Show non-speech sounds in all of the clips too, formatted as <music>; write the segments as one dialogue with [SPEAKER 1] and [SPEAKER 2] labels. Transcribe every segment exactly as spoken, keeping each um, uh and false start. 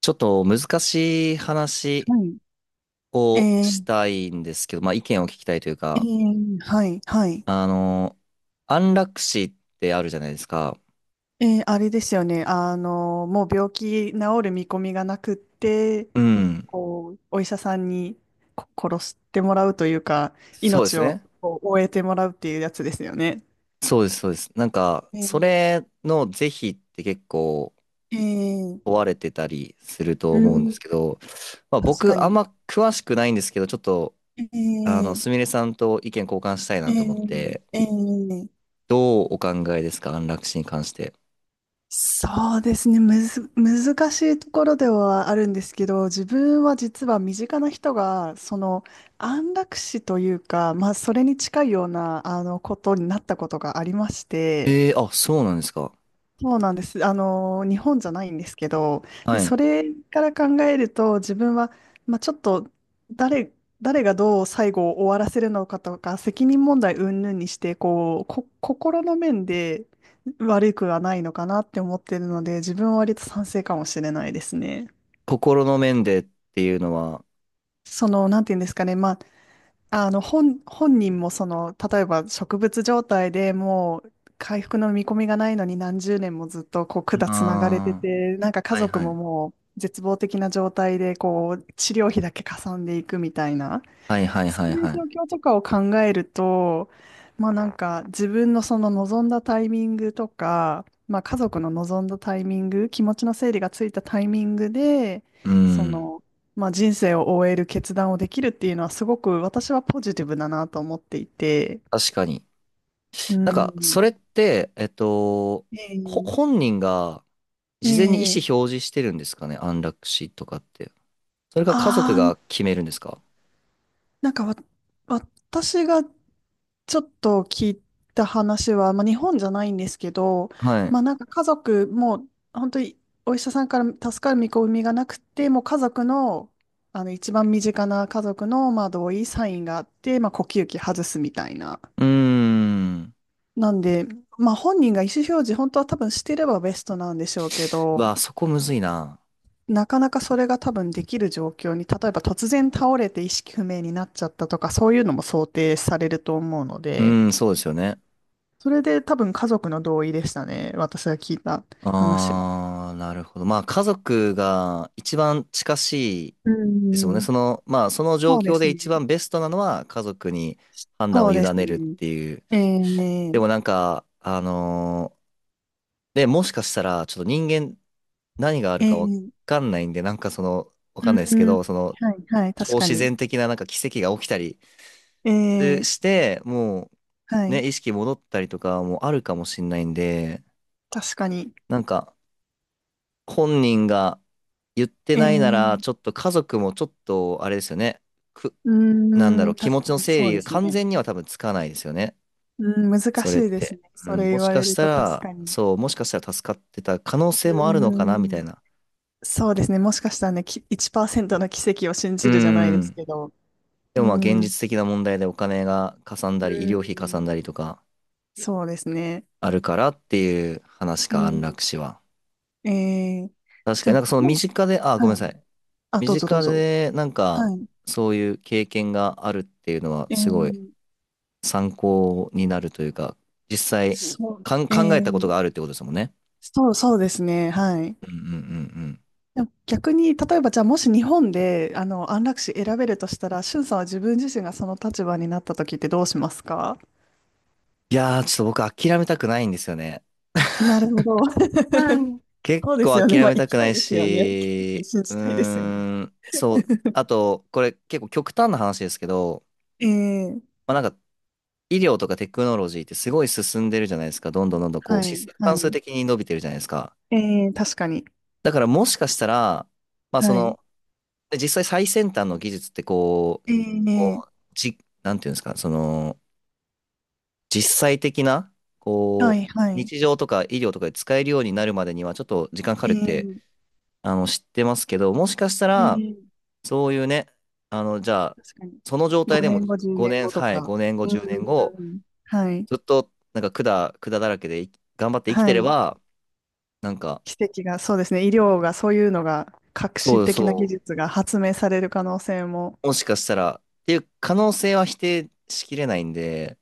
[SPEAKER 1] ちょっと難しい話
[SPEAKER 2] はい。
[SPEAKER 1] を
[SPEAKER 2] え
[SPEAKER 1] し
[SPEAKER 2] ー、
[SPEAKER 1] たいんですけど、まあ意見を聞きたいという
[SPEAKER 2] え
[SPEAKER 1] か、
[SPEAKER 2] ー、はい、はい。
[SPEAKER 1] あの、安楽死ってあるじゃないですか。
[SPEAKER 2] えー、あれですよね。あの、もう病気治る見込みがなくって、
[SPEAKER 1] うん。
[SPEAKER 2] こう、お医者さんにこ殺してもらうというか、
[SPEAKER 1] そうで
[SPEAKER 2] 命
[SPEAKER 1] す
[SPEAKER 2] を
[SPEAKER 1] ね。
[SPEAKER 2] こう終えてもらうっていうやつですよね。
[SPEAKER 1] そうです、そうです。なんか、
[SPEAKER 2] え
[SPEAKER 1] そ
[SPEAKER 2] ー、
[SPEAKER 1] れの是非って結構
[SPEAKER 2] えー、
[SPEAKER 1] 問われてたりすると
[SPEAKER 2] う
[SPEAKER 1] 思うんです
[SPEAKER 2] ん、
[SPEAKER 1] けど、まあ
[SPEAKER 2] 確か
[SPEAKER 1] 僕あん
[SPEAKER 2] に。
[SPEAKER 1] ま詳しくないんですけど、ちょっと、
[SPEAKER 2] え
[SPEAKER 1] あの、
[SPEAKER 2] ー、
[SPEAKER 1] すみれさんと意見交換したい
[SPEAKER 2] え
[SPEAKER 1] なと思っ
[SPEAKER 2] ー、
[SPEAKER 1] て、
[SPEAKER 2] えー、
[SPEAKER 1] どうお考えですか、安楽死に関して。
[SPEAKER 2] そうですね。むず、難しいところではあるんですけど、自分は実は身近な人が、その安楽死というか、まあ、それに近いような、あの、ことになったことがありまして、
[SPEAKER 1] えー、あ、そうなんですか。
[SPEAKER 2] そうなんです。あの、日本じゃないんですけど、
[SPEAKER 1] は
[SPEAKER 2] で、
[SPEAKER 1] い。
[SPEAKER 2] それから考えると、自分は、まあ、ちょっと誰、誰がどう最後を終わらせるのかとか、責任問題云々にして、こう、こ、心の面で悪くはないのかなって思ってるので、自分は割と賛成かもしれないですね。
[SPEAKER 1] 心の面でっていうのは、
[SPEAKER 2] その、なんていうんですかね、まあ、あの、本、本人もその、例えば植物状態でもう回復の見込みがないのに何十年もずっとこう管つながれて
[SPEAKER 1] ああ、
[SPEAKER 2] て、なんか家
[SPEAKER 1] はい
[SPEAKER 2] 族
[SPEAKER 1] は
[SPEAKER 2] も
[SPEAKER 1] い。
[SPEAKER 2] もう絶望的な状態でこう治療費だけかさんでいくみたいな。
[SPEAKER 1] はいはい
[SPEAKER 2] そ
[SPEAKER 1] は
[SPEAKER 2] う
[SPEAKER 1] い
[SPEAKER 2] いう
[SPEAKER 1] は
[SPEAKER 2] 状
[SPEAKER 1] い。
[SPEAKER 2] 況とかを考えると、まあなんか自分のその望んだタイミングとか、まあ家族の望んだタイミング、気持ちの整理がついたタイミングで、
[SPEAKER 1] う
[SPEAKER 2] そ
[SPEAKER 1] ん。
[SPEAKER 2] の、まあ人生を終える決断をできるっていうのはすごく私はポジティブだなと思っていて、
[SPEAKER 1] 確かに。
[SPEAKER 2] う
[SPEAKER 1] なんか、
[SPEAKER 2] ん。
[SPEAKER 1] それって、えっと、ほ、
[SPEAKER 2] ええ
[SPEAKER 1] 本人が事前に意
[SPEAKER 2] え
[SPEAKER 1] 思
[SPEAKER 2] え
[SPEAKER 1] 表示してるんですかね、安楽死とかって。それか家族
[SPEAKER 2] あ
[SPEAKER 1] が
[SPEAKER 2] あ、
[SPEAKER 1] 決めるんですか。
[SPEAKER 2] なんかわ、私がちょっと聞いた話は、まあ、日本じゃないんですけど、
[SPEAKER 1] はい。
[SPEAKER 2] まあ、なんか家族も本当にお医者さんから助かる見込みがなくてもう家族の、あの一番身近な家族の、まあ、同意サインがあって、まあ、呼吸器外すみたいな。
[SPEAKER 1] うーん。
[SPEAKER 2] なんで、まあ、本人が意思表示本当は多分してればベストなんでしょうけ
[SPEAKER 1] う
[SPEAKER 2] ど、
[SPEAKER 1] わあ、そこむずいな。
[SPEAKER 2] なかなかそれが多分できる状況に、例えば突然倒れて意識不明になっちゃったとか、そういうのも想定されると思うの
[SPEAKER 1] う
[SPEAKER 2] で、
[SPEAKER 1] ーん、そうですよね。
[SPEAKER 2] それで多分家族の同意でしたね。私が聞いた話は。
[SPEAKER 1] ああ、なるほど。まあ、家族が一番近しい
[SPEAKER 2] う
[SPEAKER 1] ですもんね。
[SPEAKER 2] ん。
[SPEAKER 1] その、まあ、その状
[SPEAKER 2] そうで
[SPEAKER 1] 況
[SPEAKER 2] す
[SPEAKER 1] で一
[SPEAKER 2] ね。
[SPEAKER 1] 番ベストなのは家族に判断を
[SPEAKER 2] そう
[SPEAKER 1] 委
[SPEAKER 2] です
[SPEAKER 1] ねるっ
[SPEAKER 2] ね。
[SPEAKER 1] ていう。
[SPEAKER 2] え
[SPEAKER 1] で
[SPEAKER 2] ー、
[SPEAKER 1] もなんか、あのーで、もしかしたら、ちょっと人間何がある
[SPEAKER 2] え
[SPEAKER 1] かわ
[SPEAKER 2] ー、
[SPEAKER 1] かんないんで、なんかその、わかんないです
[SPEAKER 2] う
[SPEAKER 1] け
[SPEAKER 2] ん、
[SPEAKER 1] ど、その、
[SPEAKER 2] はい、はい、
[SPEAKER 1] 超
[SPEAKER 2] 確か
[SPEAKER 1] 自
[SPEAKER 2] に。
[SPEAKER 1] 然的ななんか奇跡が起きたり
[SPEAKER 2] え
[SPEAKER 1] す
[SPEAKER 2] ー、
[SPEAKER 1] して、も
[SPEAKER 2] は
[SPEAKER 1] う、
[SPEAKER 2] い、
[SPEAKER 1] ね、意識戻ったりとかもあるかもしんないんで、
[SPEAKER 2] 確かに。
[SPEAKER 1] なんか、本人が言って
[SPEAKER 2] え
[SPEAKER 1] ないなら、
[SPEAKER 2] ー、
[SPEAKER 1] ちょっと家族もちょっと、あれですよね。く、なんだ
[SPEAKER 2] う
[SPEAKER 1] ろう、
[SPEAKER 2] ん、
[SPEAKER 1] 気持
[SPEAKER 2] 確
[SPEAKER 1] ち
[SPEAKER 2] か
[SPEAKER 1] の
[SPEAKER 2] に
[SPEAKER 1] 整
[SPEAKER 2] そう
[SPEAKER 1] 理
[SPEAKER 2] で
[SPEAKER 1] が
[SPEAKER 2] す
[SPEAKER 1] 完
[SPEAKER 2] ね。
[SPEAKER 1] 全には多分つかないですよね。
[SPEAKER 2] うん、難
[SPEAKER 1] そ
[SPEAKER 2] し
[SPEAKER 1] れっ
[SPEAKER 2] いです
[SPEAKER 1] て。
[SPEAKER 2] ね。
[SPEAKER 1] う
[SPEAKER 2] そ
[SPEAKER 1] ん、
[SPEAKER 2] れ
[SPEAKER 1] も
[SPEAKER 2] 言
[SPEAKER 1] し
[SPEAKER 2] わ
[SPEAKER 1] か
[SPEAKER 2] れ
[SPEAKER 1] し
[SPEAKER 2] る
[SPEAKER 1] た
[SPEAKER 2] と確
[SPEAKER 1] ら、
[SPEAKER 2] かに。
[SPEAKER 1] そう、もしかしたら助かってた可能
[SPEAKER 2] う
[SPEAKER 1] 性もあるのかな、み
[SPEAKER 2] ー
[SPEAKER 1] た
[SPEAKER 2] ん。
[SPEAKER 1] いな。
[SPEAKER 2] そうですね。もしかしたらね、きいちパーセントの奇跡を信
[SPEAKER 1] う
[SPEAKER 2] じるじゃないです
[SPEAKER 1] ん。
[SPEAKER 2] けど。
[SPEAKER 1] で
[SPEAKER 2] う
[SPEAKER 1] もまあ現
[SPEAKER 2] ん。
[SPEAKER 1] 実的な問題でお金がかさんだり、
[SPEAKER 2] う
[SPEAKER 1] 医療費かさ
[SPEAKER 2] ん。
[SPEAKER 1] んだりとか
[SPEAKER 2] そうですね。
[SPEAKER 1] あるからっていう話
[SPEAKER 2] う
[SPEAKER 1] か、安
[SPEAKER 2] ん。
[SPEAKER 1] 楽死は。
[SPEAKER 2] えー、
[SPEAKER 1] 確か
[SPEAKER 2] じゃ
[SPEAKER 1] になんか
[SPEAKER 2] あ、
[SPEAKER 1] その
[SPEAKER 2] も
[SPEAKER 1] 身
[SPEAKER 2] う、
[SPEAKER 1] 近で、あ、ごめんな
[SPEAKER 2] はい。
[SPEAKER 1] さい。
[SPEAKER 2] あ、
[SPEAKER 1] 身
[SPEAKER 2] どうぞど
[SPEAKER 1] 近
[SPEAKER 2] うぞ。
[SPEAKER 1] でなん
[SPEAKER 2] は
[SPEAKER 1] か
[SPEAKER 2] い。
[SPEAKER 1] そういう経験があるっていうのは
[SPEAKER 2] え
[SPEAKER 1] すごい
[SPEAKER 2] ー、
[SPEAKER 1] 参考になるというか、実際
[SPEAKER 2] そう、
[SPEAKER 1] かん
[SPEAKER 2] え
[SPEAKER 1] 考えたこと
[SPEAKER 2] ー、
[SPEAKER 1] があるってことですもんね。
[SPEAKER 2] そう、そうですね。はい。
[SPEAKER 1] うんうんうんうん。
[SPEAKER 2] でも逆に、例えば、じゃあ、もし日本で、あの、安楽死選べるとしたら、しゅんさんは自分自身がその立場になった時ってどうしますか？
[SPEAKER 1] いやー、ちょっと僕諦めたくないんですよね。
[SPEAKER 2] なるほど。<laughs>
[SPEAKER 1] はい。結
[SPEAKER 2] そうです
[SPEAKER 1] 構
[SPEAKER 2] よね。
[SPEAKER 1] 諦
[SPEAKER 2] まあ、
[SPEAKER 1] め
[SPEAKER 2] 行
[SPEAKER 1] たく
[SPEAKER 2] きた
[SPEAKER 1] な
[SPEAKER 2] い
[SPEAKER 1] い
[SPEAKER 2] ですよね。
[SPEAKER 1] し、
[SPEAKER 2] 信
[SPEAKER 1] う
[SPEAKER 2] じたいですよね。
[SPEAKER 1] ーん、そう。あと、これ結構極端な話ですけど、
[SPEAKER 2] ええ、
[SPEAKER 1] まあ、なんか医療とかテクノロジーってすごい進んでるじゃないですか。どんどんどんどんこう、
[SPEAKER 2] は
[SPEAKER 1] 指数
[SPEAKER 2] い、は
[SPEAKER 1] 関数
[SPEAKER 2] い。
[SPEAKER 1] 的に伸びてるじゃないですか。
[SPEAKER 2] ええ、確かに。
[SPEAKER 1] だからもしかしたら、まあそ
[SPEAKER 2] はい。
[SPEAKER 1] の、で実際最先端の技術ってこう、
[SPEAKER 2] え
[SPEAKER 1] こう、
[SPEAKER 2] え、
[SPEAKER 1] じ、なんていうんですか、その、実際的な、
[SPEAKER 2] は
[SPEAKER 1] こう、
[SPEAKER 2] い、はい。
[SPEAKER 1] 日常とか医療とかで使えるようになるまでにはちょっと時間かかるって、
[SPEAKER 2] ええ
[SPEAKER 1] あの、知ってますけど、もしかしたら、
[SPEAKER 2] ええ、
[SPEAKER 1] そういうね、あの、じゃあ、
[SPEAKER 2] 確かに。
[SPEAKER 1] その状態で
[SPEAKER 2] 5
[SPEAKER 1] も
[SPEAKER 2] 年後、10年
[SPEAKER 1] ごねん、
[SPEAKER 2] 後と
[SPEAKER 1] はい、
[SPEAKER 2] か。
[SPEAKER 1] ごねんご、
[SPEAKER 2] うん、
[SPEAKER 1] じゅうねんご、
[SPEAKER 2] うん。はい、
[SPEAKER 1] ずっと、なんか管、管だらけで頑張って生き
[SPEAKER 2] は
[SPEAKER 1] てれ
[SPEAKER 2] い。
[SPEAKER 1] ば、なんか、
[SPEAKER 2] 奇跡が、そうですね。医療が、そういうのが、革新
[SPEAKER 1] そう
[SPEAKER 2] 的な技
[SPEAKER 1] そう、
[SPEAKER 2] 術が発明される可能性も、
[SPEAKER 1] もしかしたら、っていう可能性は否定しきれないんで、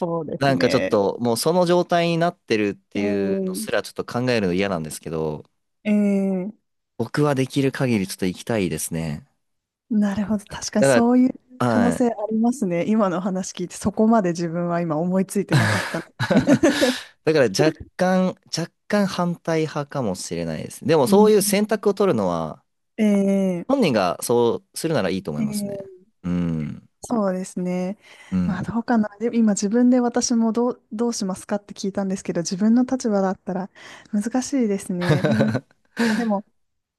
[SPEAKER 2] そうで
[SPEAKER 1] な
[SPEAKER 2] す
[SPEAKER 1] んかちょっ
[SPEAKER 2] ね。
[SPEAKER 1] ともうその状態になってるって
[SPEAKER 2] え
[SPEAKER 1] いうのすら
[SPEAKER 2] え
[SPEAKER 1] ちょっと考えるの嫌なんですけど、
[SPEAKER 2] ええ、
[SPEAKER 1] 僕はできる限りちょっと行きたいですね。
[SPEAKER 2] なるほど。確かに
[SPEAKER 1] だか
[SPEAKER 2] そういう
[SPEAKER 1] ら、
[SPEAKER 2] 可能
[SPEAKER 1] は
[SPEAKER 2] 性あ
[SPEAKER 1] い。
[SPEAKER 2] りますね。今のお話聞いて、そこまで自分は今思いついてなかったの。
[SPEAKER 1] <laughs> だから若干、若干反対派かもしれないです。でも
[SPEAKER 2] う
[SPEAKER 1] そう
[SPEAKER 2] ん。
[SPEAKER 1] いう選択を取るのは、
[SPEAKER 2] え
[SPEAKER 1] 本
[SPEAKER 2] え
[SPEAKER 1] 人がそうするならいいと思い
[SPEAKER 2] え
[SPEAKER 1] ますね。
[SPEAKER 2] ー
[SPEAKER 1] うん。
[SPEAKER 2] そうですね。
[SPEAKER 1] う
[SPEAKER 2] まあ
[SPEAKER 1] ん。
[SPEAKER 2] どうかな。で、今自分で私もどう、どうしますかって聞いたんですけど、自分の立場だったら難しいですね。うん。
[SPEAKER 1] <laughs>
[SPEAKER 2] まあでも、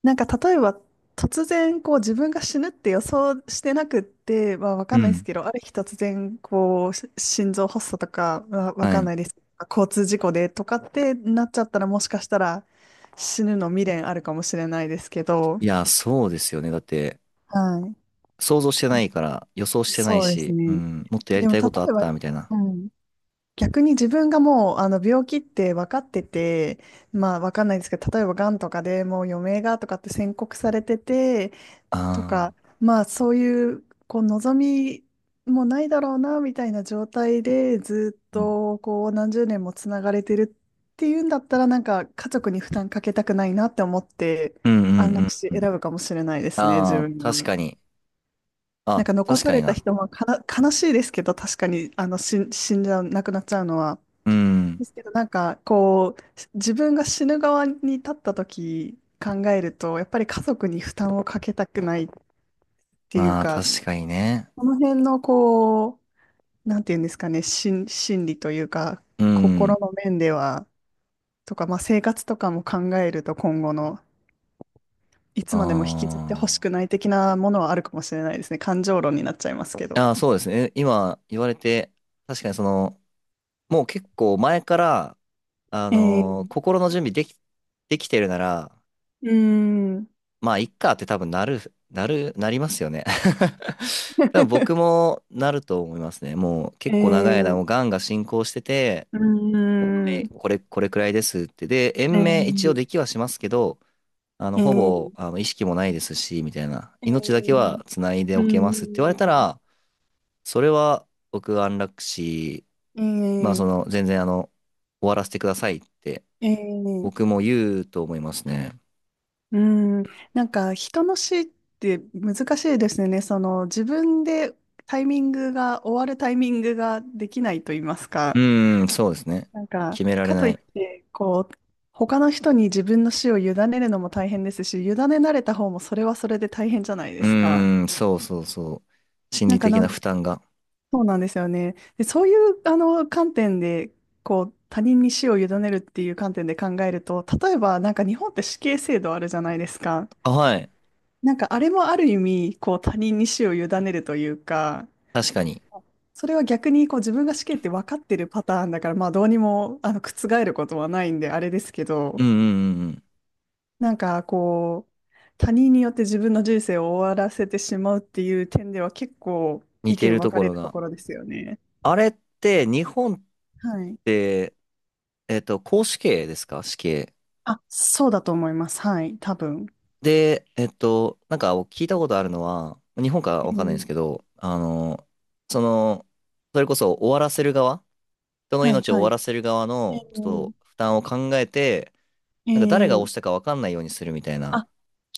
[SPEAKER 2] なんか例えば突然こう自分が死ぬって予想してなくって、まあわ
[SPEAKER 1] う
[SPEAKER 2] かんないです
[SPEAKER 1] ん。
[SPEAKER 2] けど、ある日突然こうし心臓発作とかわわ
[SPEAKER 1] は
[SPEAKER 2] かん
[SPEAKER 1] い。
[SPEAKER 2] ないです。交通事故でとかってなっちゃったらもしかしたら死ぬの未練あるかもしれないですけど、
[SPEAKER 1] いや、そうですよね。だって、
[SPEAKER 2] はい。
[SPEAKER 1] 想像してないから、予想してない
[SPEAKER 2] そうです
[SPEAKER 1] し、う
[SPEAKER 2] ね。
[SPEAKER 1] ん、もっとやり
[SPEAKER 2] でも
[SPEAKER 1] たい
[SPEAKER 2] 例
[SPEAKER 1] ことあっ
[SPEAKER 2] えば、
[SPEAKER 1] たみたいな。
[SPEAKER 2] うん。逆に自分がもうあの病気って分かってて、まあ分かんないですけど、例えばがんとかでもう余命がとかって宣告されてて、
[SPEAKER 1] あ
[SPEAKER 2] と
[SPEAKER 1] あ、
[SPEAKER 2] か、まあそういう、こう望みもないだろうな、みたいな状態でずっ
[SPEAKER 1] うん
[SPEAKER 2] とこう何十年もつながれてるっていうんだったら、なんか家族に負担かけたくないなって思って、
[SPEAKER 1] うんう
[SPEAKER 2] 安楽
[SPEAKER 1] ん
[SPEAKER 2] 死
[SPEAKER 1] う
[SPEAKER 2] 選
[SPEAKER 1] ん。
[SPEAKER 2] ぶかもしれないですね、自
[SPEAKER 1] ああ、
[SPEAKER 2] 分
[SPEAKER 1] 確
[SPEAKER 2] は。
[SPEAKER 1] かに。
[SPEAKER 2] なん
[SPEAKER 1] あ、
[SPEAKER 2] か残
[SPEAKER 1] 確
[SPEAKER 2] さ
[SPEAKER 1] かに
[SPEAKER 2] れた
[SPEAKER 1] な。
[SPEAKER 2] 人もかな悲しいですけど、確かにあの死ん死んじゃう、亡くなっちゃうのは。
[SPEAKER 1] うん。
[SPEAKER 2] ですけど、なんか、こう、自分が死ぬ側に立った時考えると、やっぱり家族に負担をかけたくないっていう
[SPEAKER 1] まあ、
[SPEAKER 2] か、
[SPEAKER 1] 確かにね。
[SPEAKER 2] この辺の、こう、なんていうんですかね、心、心理というか、
[SPEAKER 1] う
[SPEAKER 2] 心
[SPEAKER 1] ん。
[SPEAKER 2] の面では、とか、まあ、生活とかも考えると、今後の、いつ
[SPEAKER 1] あ
[SPEAKER 2] までも引きずってほしくない的なものはあるかもしれないですね。感情論になっちゃいますけど。
[SPEAKER 1] あ。ああ、そうですね。え今言われて、確かにその、もう結構前から、あ
[SPEAKER 2] え
[SPEAKER 1] の
[SPEAKER 2] ー、
[SPEAKER 1] ー心の準備でき、できてるなら、
[SPEAKER 2] うーん。
[SPEAKER 1] まあ、いっかって多分なる、なる、なりますよね。<laughs> 多分僕
[SPEAKER 2] <laughs>
[SPEAKER 1] もなると思いますね。もう
[SPEAKER 2] え
[SPEAKER 1] 結構長い間も
[SPEAKER 2] ー、
[SPEAKER 1] うがんが進行してて、
[SPEAKER 2] うー
[SPEAKER 1] え
[SPEAKER 2] ん。
[SPEAKER 1] これ、これくらいですって。で、
[SPEAKER 2] え
[SPEAKER 1] 延命一応
[SPEAKER 2] ー、
[SPEAKER 1] できはしますけど、あの、
[SPEAKER 2] え
[SPEAKER 1] ほぼ、
[SPEAKER 2] ー、
[SPEAKER 1] あの、意識もないですし、みたいな。
[SPEAKER 2] え
[SPEAKER 1] 命だけ
[SPEAKER 2] ー
[SPEAKER 1] は繋いで
[SPEAKER 2] う
[SPEAKER 1] おけますって言われた
[SPEAKER 2] ん。
[SPEAKER 1] ら、それは僕安楽死、まあ
[SPEAKER 2] え
[SPEAKER 1] そ
[SPEAKER 2] え
[SPEAKER 1] の、全然あの、終わらせてくださいって
[SPEAKER 2] ええ
[SPEAKER 1] 僕も言うと思いますね。
[SPEAKER 2] うん。なんか、人の死って難しいですね。その、自分でタイミングが、終わるタイミングができないと言います
[SPEAKER 1] う
[SPEAKER 2] か。
[SPEAKER 1] ーん、そうですね。
[SPEAKER 2] なんか、
[SPEAKER 1] 決められ
[SPEAKER 2] かと
[SPEAKER 1] な
[SPEAKER 2] いっ
[SPEAKER 1] い。
[SPEAKER 2] て、こう、他の人に自分の死を委ねるのも大変ですし、委ねられた方もそれはそれで大変じゃないで
[SPEAKER 1] う
[SPEAKER 2] すか。
[SPEAKER 1] ーん、そうそうそう。心
[SPEAKER 2] な
[SPEAKER 1] 理
[SPEAKER 2] んか
[SPEAKER 1] 的
[SPEAKER 2] な
[SPEAKER 1] な
[SPEAKER 2] ん
[SPEAKER 1] 負担が。
[SPEAKER 2] そうなんですよね。で、そういうあの観点で、こう、他人に死を委ねるっていう観点で考えると、例えばなんか日本って死刑制度あるじゃないですか。
[SPEAKER 1] あ、はい。
[SPEAKER 2] なんかあれもある意味、こう、他人に死を委ねるというか、
[SPEAKER 1] 確かに。
[SPEAKER 2] それは逆にこう自分が死刑って分かってるパターンだから、まあどうにもあの覆ることはないんであれですけ
[SPEAKER 1] うん
[SPEAKER 2] ど、
[SPEAKER 1] うんうんうん。
[SPEAKER 2] なんかこう、他人によって自分の人生を終わらせてしまうっていう点では結構
[SPEAKER 1] 似
[SPEAKER 2] 意
[SPEAKER 1] て
[SPEAKER 2] 見
[SPEAKER 1] ると
[SPEAKER 2] 分か
[SPEAKER 1] こ
[SPEAKER 2] れ
[SPEAKER 1] ろ
[SPEAKER 2] ると
[SPEAKER 1] が。
[SPEAKER 2] ころですよね。
[SPEAKER 1] あれって、日本っ
[SPEAKER 2] はい。
[SPEAKER 1] て、えっと、絞死刑ですか死刑。
[SPEAKER 2] あ、そうだと思います。はい、多分。
[SPEAKER 1] で、えっと、なんか聞いたことあるのは、日本かわ
[SPEAKER 2] え
[SPEAKER 1] かんないんで
[SPEAKER 2] ー
[SPEAKER 1] すけど、あの、その、それこそ終わらせる側、人の
[SPEAKER 2] はい、
[SPEAKER 1] 命を終
[SPEAKER 2] は
[SPEAKER 1] わ
[SPEAKER 2] い。
[SPEAKER 1] らせる側
[SPEAKER 2] え
[SPEAKER 1] の、ちょっ
[SPEAKER 2] ー
[SPEAKER 1] と負担を考えて、
[SPEAKER 2] え
[SPEAKER 1] なんか誰が押
[SPEAKER 2] ー
[SPEAKER 1] したかわかんないようにするみたいな、
[SPEAKER 2] あ、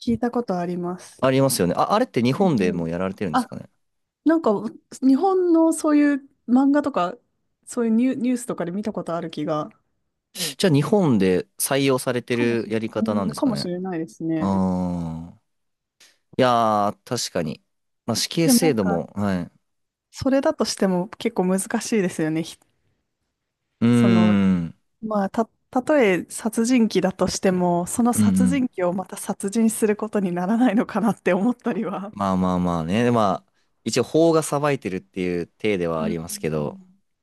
[SPEAKER 2] 聞いたことあります。
[SPEAKER 1] ありますよね。あ、あれって日
[SPEAKER 2] え
[SPEAKER 1] 本で
[SPEAKER 2] ー
[SPEAKER 1] もやられてるんです
[SPEAKER 2] あ、
[SPEAKER 1] かね。
[SPEAKER 2] なんか、日本のそういう漫画とか、そういうニュー、ニュースとかで見たことある気が、
[SPEAKER 1] じゃあ日本で採用されて
[SPEAKER 2] かも
[SPEAKER 1] る
[SPEAKER 2] しれ、
[SPEAKER 1] やり
[SPEAKER 2] う
[SPEAKER 1] 方なん
[SPEAKER 2] ん、
[SPEAKER 1] です
[SPEAKER 2] か
[SPEAKER 1] か
[SPEAKER 2] もし
[SPEAKER 1] ね。
[SPEAKER 2] れないですね。
[SPEAKER 1] ああー。いやー、確かに。まあ、死刑
[SPEAKER 2] でもな
[SPEAKER 1] 制
[SPEAKER 2] ん
[SPEAKER 1] 度
[SPEAKER 2] か、
[SPEAKER 1] も、はい。
[SPEAKER 2] それだとしても結構難しいですよね。ひ
[SPEAKER 1] うー
[SPEAKER 2] その、
[SPEAKER 1] ん。
[SPEAKER 2] まあ、た、たとえ殺人鬼だとしても、その
[SPEAKER 1] うんう
[SPEAKER 2] 殺人
[SPEAKER 1] ん。
[SPEAKER 2] 鬼をまた殺人することにならないのかなって思ったりは。
[SPEAKER 1] まあまあまあね。まあ、一応法が裁いてるっていう体では
[SPEAKER 2] う
[SPEAKER 1] あり
[SPEAKER 2] ん、
[SPEAKER 1] ますけど、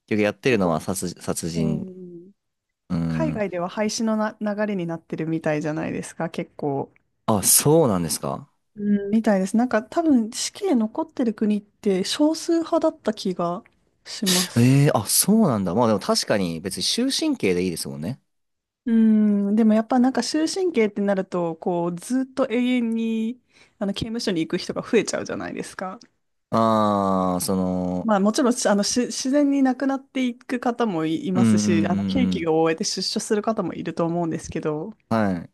[SPEAKER 1] 結局やってる
[SPEAKER 2] 結
[SPEAKER 1] のは
[SPEAKER 2] 構、
[SPEAKER 1] 殺、殺
[SPEAKER 2] え
[SPEAKER 1] 人。
[SPEAKER 2] ー
[SPEAKER 1] うー
[SPEAKER 2] 海
[SPEAKER 1] ん。
[SPEAKER 2] 外では廃止のな流れになってるみたいじゃないですか、結構。
[SPEAKER 1] あ、そうなんですか。
[SPEAKER 2] うん、みたいです。なんか多分死刑残ってる国って少数派だった気がします。
[SPEAKER 1] ええー、あ、そうなんだ。まあでも確かに別に終身刑でいいですもんね。
[SPEAKER 2] うん、でもやっぱなんか終身刑ってなると、こうずっと永遠にあの刑務所に行く人が増えちゃうじゃないですか。
[SPEAKER 1] ああ、その、
[SPEAKER 2] まあもちろんしあのし自然に亡くなっていく方もい、い
[SPEAKER 1] う
[SPEAKER 2] ます
[SPEAKER 1] んうんう
[SPEAKER 2] し、あの刑
[SPEAKER 1] んう
[SPEAKER 2] 期
[SPEAKER 1] ん。
[SPEAKER 2] が終えて出所する方もいると思うんですけど、
[SPEAKER 1] はい。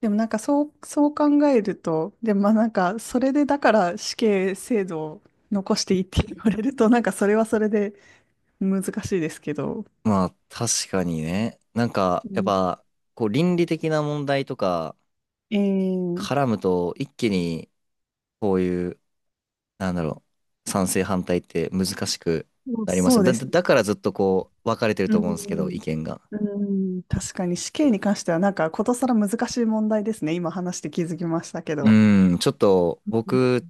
[SPEAKER 2] でもなんかそう、そう考えると、でもまあなんかそれでだから死刑制度を残していいって言われると、なんかそれはそれで難しいですけど。
[SPEAKER 1] まあ確かにね。なんか、
[SPEAKER 2] う
[SPEAKER 1] やっ
[SPEAKER 2] ん、
[SPEAKER 1] ぱ、こう倫理的な問題とか
[SPEAKER 2] えー、
[SPEAKER 1] 絡むと一気にこういう、なんだろう、賛成反対って難しく
[SPEAKER 2] そう
[SPEAKER 1] なります
[SPEAKER 2] そ
[SPEAKER 1] よ
[SPEAKER 2] う
[SPEAKER 1] ね。
[SPEAKER 2] で
[SPEAKER 1] だ、だ
[SPEAKER 2] す。
[SPEAKER 1] だからずっとこう、分かれてる
[SPEAKER 2] う
[SPEAKER 1] と思うんですけど、意
[SPEAKER 2] ん、
[SPEAKER 1] 見が。
[SPEAKER 2] うん、確かに死刑に関してはなんかことさら難しい問題ですね。今話して気づきましたけど。
[SPEAKER 1] うん、ちょっと
[SPEAKER 2] うん、
[SPEAKER 1] 僕、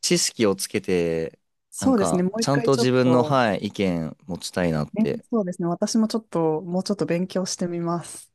[SPEAKER 1] 知識をつけて、な
[SPEAKER 2] そ
[SPEAKER 1] ん
[SPEAKER 2] うですね。
[SPEAKER 1] か、
[SPEAKER 2] もう一
[SPEAKER 1] ちゃん
[SPEAKER 2] 回
[SPEAKER 1] と
[SPEAKER 2] ちょっ
[SPEAKER 1] 自分の、
[SPEAKER 2] と、
[SPEAKER 1] はい、意見持ちたいなっ
[SPEAKER 2] ね、
[SPEAKER 1] て
[SPEAKER 2] そうですね。私もちょっと、もうちょっと勉強してみます。